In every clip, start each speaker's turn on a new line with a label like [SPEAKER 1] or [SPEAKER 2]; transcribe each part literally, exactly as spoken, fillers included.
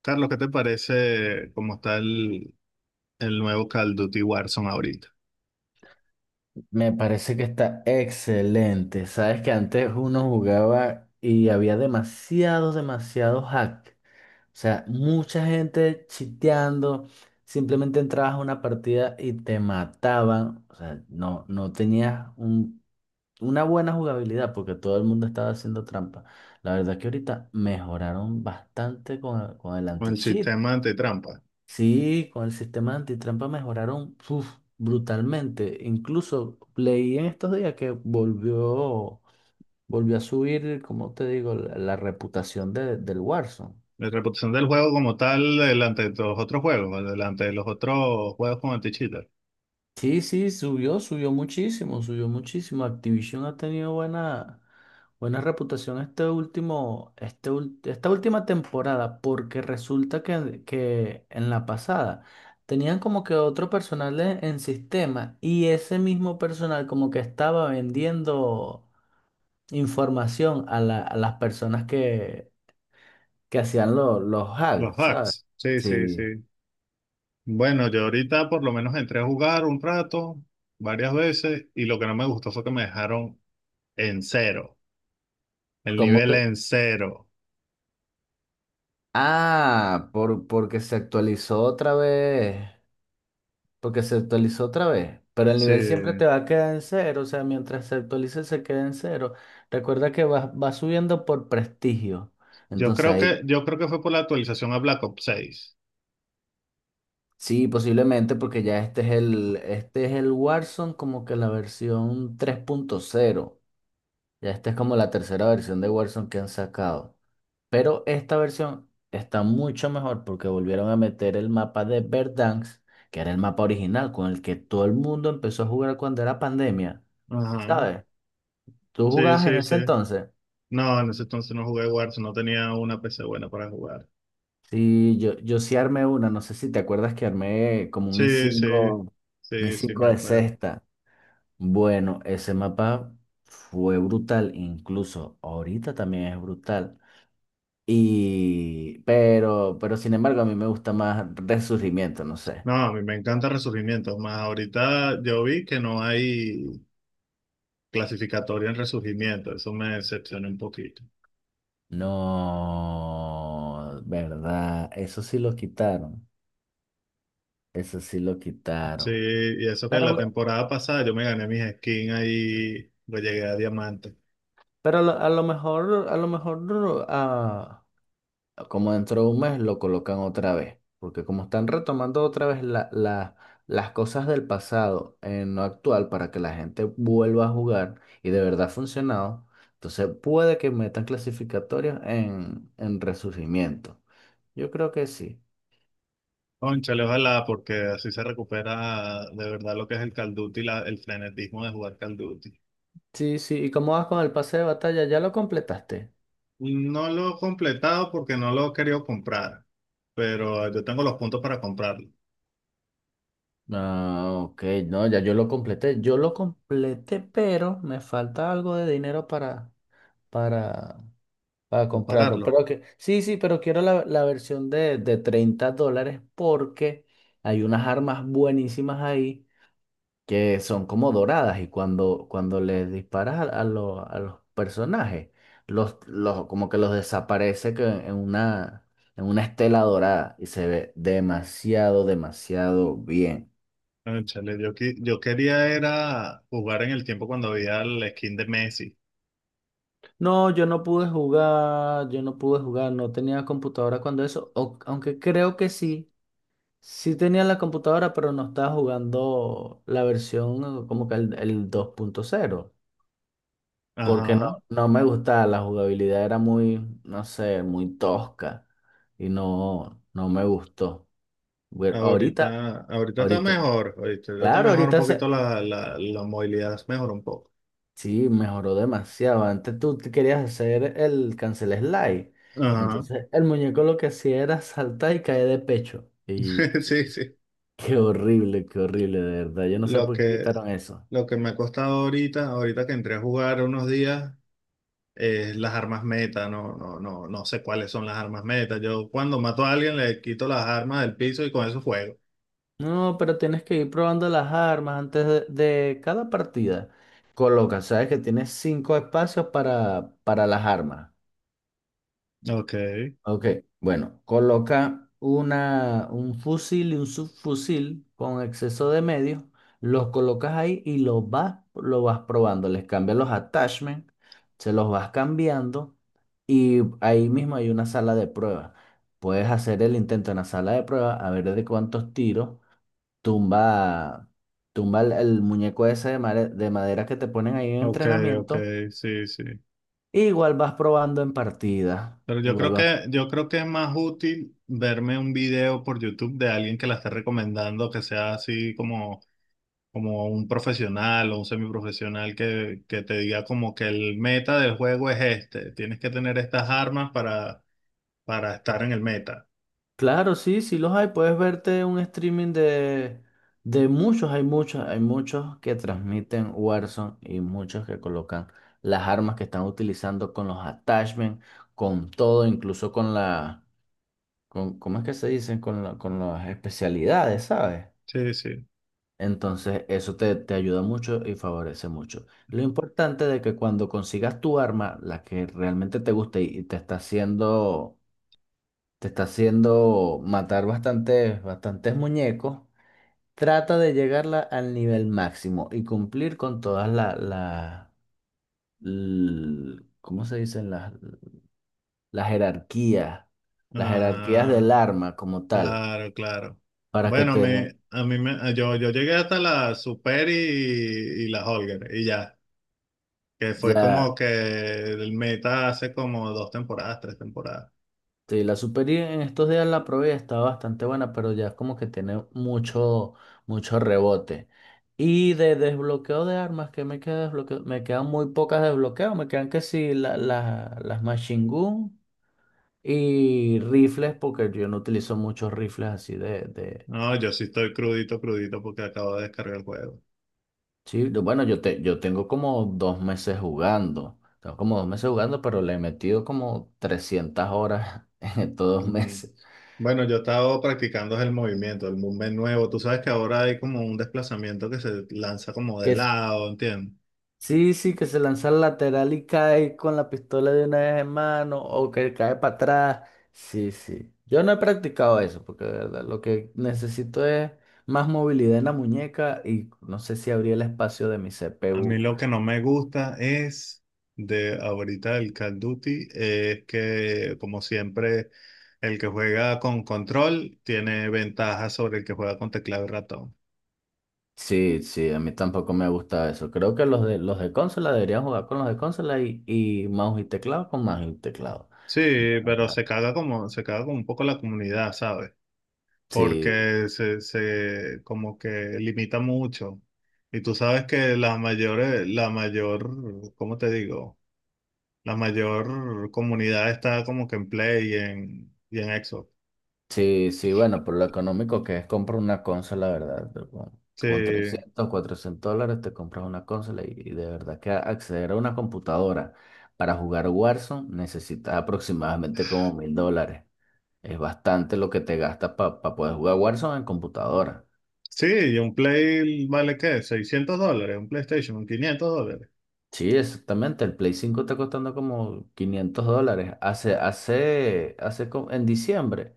[SPEAKER 1] Carlos, ¿qué te parece cómo está el, el nuevo Call of Duty Warzone ahorita?
[SPEAKER 2] Me parece que está excelente. Sabes que antes uno jugaba y había demasiados, demasiados hack. O sea, mucha gente chiteando. Simplemente entrabas a una partida y te mataban. O sea, no, no tenías un- una buena jugabilidad porque todo el mundo estaba haciendo trampa. La verdad que ahorita mejoraron bastante con, con el
[SPEAKER 1] Con el
[SPEAKER 2] anti-cheat.
[SPEAKER 1] sistema antitrampa.
[SPEAKER 2] Sí, con el sistema antitrampa mejoraron uf, brutalmente. Incluso leí en estos días que volvió, volvió a subir, como te digo, la, la reputación de- del Warzone.
[SPEAKER 1] La reputación del juego como tal delante de los otros juegos, delante de los otros juegos con anti.
[SPEAKER 2] Sí, sí, subió, subió muchísimo, subió muchísimo. Activision ha tenido buena, buena reputación este último, este, ul- esta última temporada, porque resulta que, que en la pasada tenían como que otro personal en, en sistema y ese mismo personal como que estaba vendiendo información a, la- a las personas que, que hacían lo- los
[SPEAKER 1] Los
[SPEAKER 2] hacks, ¿sabes?
[SPEAKER 1] hacks, sí, sí,
[SPEAKER 2] Sí.
[SPEAKER 1] sí. Bueno, yo ahorita por lo menos entré a jugar un rato, varias veces, y lo que no me gustó fue que me dejaron en cero, el
[SPEAKER 2] Como
[SPEAKER 1] nivel
[SPEAKER 2] que,
[SPEAKER 1] en cero.
[SPEAKER 2] ah, por, porque se actualizó otra vez. porque se actualizó otra vez. Pero el nivel siempre
[SPEAKER 1] Sí.
[SPEAKER 2] te va a quedar en cero, o sea, mientras se actualice se queda en cero. Recuerda que va, va subiendo por prestigio.
[SPEAKER 1] Yo
[SPEAKER 2] Entonces
[SPEAKER 1] creo
[SPEAKER 2] ahí
[SPEAKER 1] que, yo creo que fue por la actualización a Black Ops seis.
[SPEAKER 2] sí, posiblemente, porque ya este es el, este es el Warzone como que la versión tres punto cero. Ya esta es como la tercera versión de Warzone que han sacado. Pero esta versión está mucho mejor porque volvieron a meter el mapa de Verdansk, que era el mapa original con el que todo el mundo empezó a jugar cuando era pandemia.
[SPEAKER 1] Ajá.
[SPEAKER 2] ¿Sabes? ¿Tú
[SPEAKER 1] Sí,
[SPEAKER 2] jugabas en
[SPEAKER 1] sí, sí.
[SPEAKER 2] ese entonces?
[SPEAKER 1] No, en ese entonces no jugué Warzone, no tenía una P C buena para jugar.
[SPEAKER 2] Sí, yo, yo sí armé una, no sé si te acuerdas que armé como un i
[SPEAKER 1] Sí, sí,
[SPEAKER 2] cinco un i
[SPEAKER 1] sí, sí,
[SPEAKER 2] cinco
[SPEAKER 1] me
[SPEAKER 2] de
[SPEAKER 1] acuerdo.
[SPEAKER 2] sexta. Bueno, ese mapa fue brutal, incluso ahorita también es brutal. Y, pero, pero sin embargo, a mí me gusta más Resurgimiento, no sé.
[SPEAKER 1] No, a mí me encanta Resurgimiento, más ahorita yo vi que no hay clasificatoria en resurgimiento, eso me decepcionó un poquito.
[SPEAKER 2] No, verdad, eso sí lo quitaron, eso sí lo
[SPEAKER 1] Sí,
[SPEAKER 2] quitaron.
[SPEAKER 1] y eso que la
[SPEAKER 2] Pero,
[SPEAKER 1] temporada pasada yo me gané mis skins ahí, pues llegué a diamante.
[SPEAKER 2] pero a lo, a lo mejor, a lo mejor ah, como dentro de un mes lo colocan otra vez, porque como están retomando otra vez la- la- las cosas del pasado en lo actual para que la gente vuelva a jugar y de verdad ha funcionado, entonces puede que metan clasificatorios en, en resurgimiento. Yo creo que sí.
[SPEAKER 1] Cónchale, ojalá, porque así se recupera de verdad lo que es el Call of Duty, la- el frenetismo de jugar Call of Duty.
[SPEAKER 2] Sí, sí. ¿Y cómo vas con el pase de batalla? ¿Ya lo completaste?
[SPEAKER 1] No lo he completado porque no lo he querido comprar, pero yo tengo los puntos para comprarlo,
[SPEAKER 2] Ah, ok, no, ya yo lo completé. Yo lo completé, pero me falta algo de dinero para, para para
[SPEAKER 1] para
[SPEAKER 2] comprarlo.
[SPEAKER 1] pagarlo.
[SPEAKER 2] Pero que, sí, sí, pero quiero la, la versión de, de treinta dólares porque hay unas armas buenísimas ahí que son como doradas y cuando, cuando les disparas a, a lo- a los personajes, los, los, como que los desaparece que en una, en una estela dorada y se ve demasiado, demasiado bien.
[SPEAKER 1] Cónchale, yo, qui- yo quería era jugar en el tiempo cuando había el skin de Messi.
[SPEAKER 2] No, yo no pude jugar, yo no pude jugar, no tenía computadora cuando eso, o- aunque creo que sí. Sí tenía la computadora, pero no estaba jugando la versión eh, como que el, el dos punto cero, porque
[SPEAKER 1] Ajá.
[SPEAKER 2] no, no me gustaba, la jugabilidad era muy, no sé, muy tosca y no, no me gustó. Bueno, ahorita,
[SPEAKER 1] Ahorita, ahorita está
[SPEAKER 2] ahorita,
[SPEAKER 1] mejor, ahorita está
[SPEAKER 2] claro,
[SPEAKER 1] mejor un
[SPEAKER 2] ahorita se,
[SPEAKER 1] poquito la, la, la movilidad, mejor un poco.
[SPEAKER 2] sí, mejoró demasiado. Antes tú te querías hacer el cancel slide,
[SPEAKER 1] Ajá.
[SPEAKER 2] entonces el muñeco lo que hacía era saltar y caer de pecho. Y
[SPEAKER 1] Sí, sí.
[SPEAKER 2] qué horrible, qué horrible, de verdad. Yo no sé
[SPEAKER 1] Lo
[SPEAKER 2] por qué
[SPEAKER 1] que,
[SPEAKER 2] quitaron eso.
[SPEAKER 1] lo que me ha costado ahorita, ahorita que entré a jugar unos días, es las armas meta. No, no, no, no sé cuáles son las armas meta. Yo cuando mato a alguien le quito las armas del piso y con eso juego.
[SPEAKER 2] No, pero tienes que ir probando las armas antes de, de cada partida. Coloca, sabes que tienes cinco espacios para, para las armas.
[SPEAKER 1] Ok,
[SPEAKER 2] Ok, bueno, coloca una, un fusil y un subfusil con exceso de medios. Los colocas ahí y los vas, lo vas probando. Les cambias los attachments, se los vas cambiando y ahí mismo hay una sala de prueba. Puedes hacer el intento en la sala de prueba a ver de cuántos tiros tumba tumba el, el muñeco ese de, mare- de madera que te ponen ahí en
[SPEAKER 1] ok, ok,
[SPEAKER 2] entrenamiento,
[SPEAKER 1] sí, sí.
[SPEAKER 2] e igual vas probando en partida.
[SPEAKER 1] Pero yo
[SPEAKER 2] Igual
[SPEAKER 1] creo
[SPEAKER 2] vas.
[SPEAKER 1] que, yo creo que es más útil verme un video por YouTube de alguien que la esté recomendando, que sea así como como un profesional o un semiprofesional que, que te diga como que el meta del juego es este, tienes que tener estas armas para, para estar en el meta.
[SPEAKER 2] Claro, sí, sí los hay. Puedes verte un streaming de, de muchos, hay muchos, hay muchos que transmiten Warzone y muchos que colocan las armas que están utilizando con los attachments, con todo, incluso con la, con, ¿cómo es que se dicen? Con la, con las especialidades, ¿sabes?
[SPEAKER 1] Sí, sí.
[SPEAKER 2] Entonces, eso te, te ayuda mucho y favorece mucho. Lo importante de que cuando consigas tu arma, la que realmente te guste y y te está haciendo, te está haciendo matar bastantes, bastantes muñecos, trata de llegarla al nivel máximo y cumplir con todas las, la, la- l- ¿cómo se dicen? Las, las jerarquías, las jerarquías del
[SPEAKER 1] Ajá,
[SPEAKER 2] arma como tal,
[SPEAKER 1] claro, claro.
[SPEAKER 2] para que
[SPEAKER 1] Bueno, a
[SPEAKER 2] te
[SPEAKER 1] mí,
[SPEAKER 2] den
[SPEAKER 1] a mí me, yo, yo llegué hasta la Super y, y la Holger y ya, que fue
[SPEAKER 2] ya.
[SPEAKER 1] como que el meta hace como dos temporadas, tres temporadas.
[SPEAKER 2] Sí, la Super I en estos días la probé, está bastante buena, pero ya es como que tiene mucho, mucho rebote. Y de desbloqueo de armas, ¿que me queda desbloqueo? Me quedan muy pocas de desbloqueo, me quedan que sí la- la- las machine gun y rifles, porque yo no utilizo muchos rifles así de, de...
[SPEAKER 1] No, yo sí estoy crudito, crudito porque acabo de descargar el juego.
[SPEAKER 2] Sí, yo- bueno, yo, te, yo tengo como dos meses jugando, tengo como dos meses jugando, pero le he metido como trescientas horas en estos dos meses.
[SPEAKER 1] Bueno, yo he estado practicando el movimiento, el movement nuevo. Tú sabes que ahora hay como un desplazamiento que se lanza como de
[SPEAKER 2] Que
[SPEAKER 1] lado, ¿entiendes?
[SPEAKER 2] Sí, sí, que se lanza al lateral y cae con la pistola de una vez en mano o que cae para atrás. Sí, sí. Yo no he practicado eso porque de verdad lo que necesito es más movilidad en la muñeca y no sé si abría el espacio de mi
[SPEAKER 1] A mí
[SPEAKER 2] C P U.
[SPEAKER 1] lo que no me gusta es de ahorita el Call of Duty es que, como siempre, el que juega con control tiene ventaja sobre el que juega con teclado y ratón.
[SPEAKER 2] Sí, sí, a mí tampoco me gusta eso. Creo que los de, los de consola deberían jugar con los de consola y, y mouse y teclado con mouse y teclado.
[SPEAKER 1] Sí,
[SPEAKER 2] De
[SPEAKER 1] pero
[SPEAKER 2] verdad.
[SPEAKER 1] se caga como, se caga como un poco la comunidad, ¿sabes?
[SPEAKER 2] Sí.
[SPEAKER 1] Porque se, se como que limita mucho. Y tú sabes que la mayor la mayor, ¿cómo te digo? La mayor comunidad está como que en Play y en, y en Xbox.
[SPEAKER 2] Sí, sí, bueno, por lo económico que es comprar una consola, ¿verdad? Pero Con, tú con
[SPEAKER 1] Sí,
[SPEAKER 2] trescientos, cuatrocientos dólares te compras una consola y, y de verdad que acceder a una computadora para jugar Warzone necesitas aproximadamente como mil dólares. Es bastante lo que te gastas para poder jugar Warzone en computadora.
[SPEAKER 1] sí, y un Play vale ¿qué? Seiscientos dólares, un PlayStation, quinientos dólares.
[SPEAKER 2] Sí, exactamente. El Play cinco está costando como quinientos dólares. Hace, hace, hace, co- en diciembre.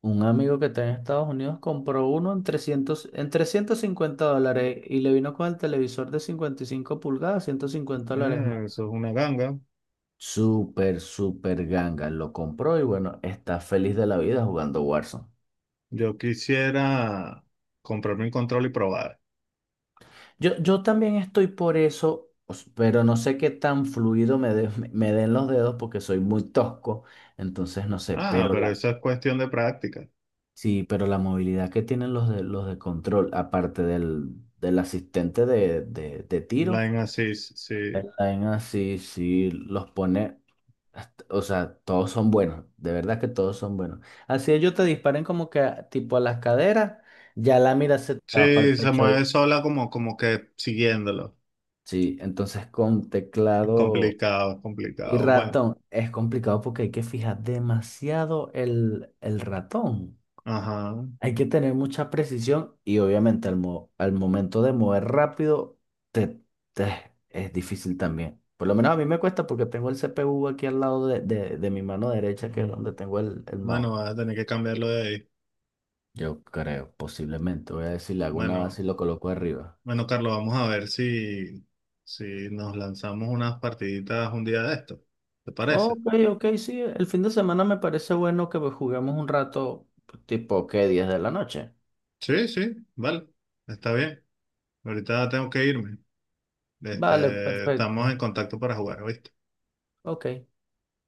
[SPEAKER 2] Un amigo que está en Estados Unidos compró uno en trescientos, en trescientos cincuenta dólares y le vino con el televisor de cincuenta y cinco pulgadas, ciento cincuenta dólares más.
[SPEAKER 1] Eh, eso es una ganga.
[SPEAKER 2] Súper, súper ganga. Lo compró y bueno, está feliz de la vida jugando Warzone.
[SPEAKER 1] Yo quisiera comprarme un control y probar.
[SPEAKER 2] Yo, yo también estoy por eso, os- pero no sé qué tan fluido me, de- me me den los dedos porque soy muy tosco. Entonces no sé,
[SPEAKER 1] Ah,
[SPEAKER 2] pero
[SPEAKER 1] pero
[SPEAKER 2] la,
[SPEAKER 1] eso es cuestión de práctica.
[SPEAKER 2] sí, pero la movilidad que tienen los de, los de control, aparte del, del asistente de de- de tiro.
[SPEAKER 1] Line Assist, sí.
[SPEAKER 2] El line así, sí, los pone, hasta- o sea, todos son buenos, de verdad que todos son buenos. Así ellos te disparen como que a- tipo a las caderas, ya la mira se te va para el
[SPEAKER 1] Sí, se
[SPEAKER 2] pecho.
[SPEAKER 1] mueve
[SPEAKER 2] y-
[SPEAKER 1] sola como, como que siguiéndolo.
[SPEAKER 2] Sí, entonces con teclado
[SPEAKER 1] Complicado,
[SPEAKER 2] y
[SPEAKER 1] complicado. Bueno,
[SPEAKER 2] ratón es complicado porque hay que fijar demasiado el, el ratón.
[SPEAKER 1] ajá.
[SPEAKER 2] Hay que tener mucha precisión y obviamente al, mo- al momento de mover rápido te, te- es difícil también. Por lo menos a mí me cuesta porque tengo el C P U aquí al lado de, de- de mi mano derecha, que es
[SPEAKER 1] Mm.
[SPEAKER 2] donde tengo el, el mouse.
[SPEAKER 1] Bueno, vas a tener que cambiarlo de ahí.
[SPEAKER 2] Yo creo, posiblemente. Voy a decir, le hago una
[SPEAKER 1] Bueno,
[SPEAKER 2] base y lo coloco arriba.
[SPEAKER 1] bueno, Carlos, vamos a ver si, si nos lanzamos unas partiditas un día de esto. ¿Te parece?
[SPEAKER 2] Ok, ok, sí. El fin de semana me parece bueno que pues, juguemos un rato, tipo, ¿qué? diez de la noche.
[SPEAKER 1] Sí, sí, vale. Está bien. Ahorita tengo que irme.
[SPEAKER 2] Vale,
[SPEAKER 1] Este, estamos
[SPEAKER 2] perfecto.
[SPEAKER 1] en contacto para jugar, ¿viste?
[SPEAKER 2] Ok.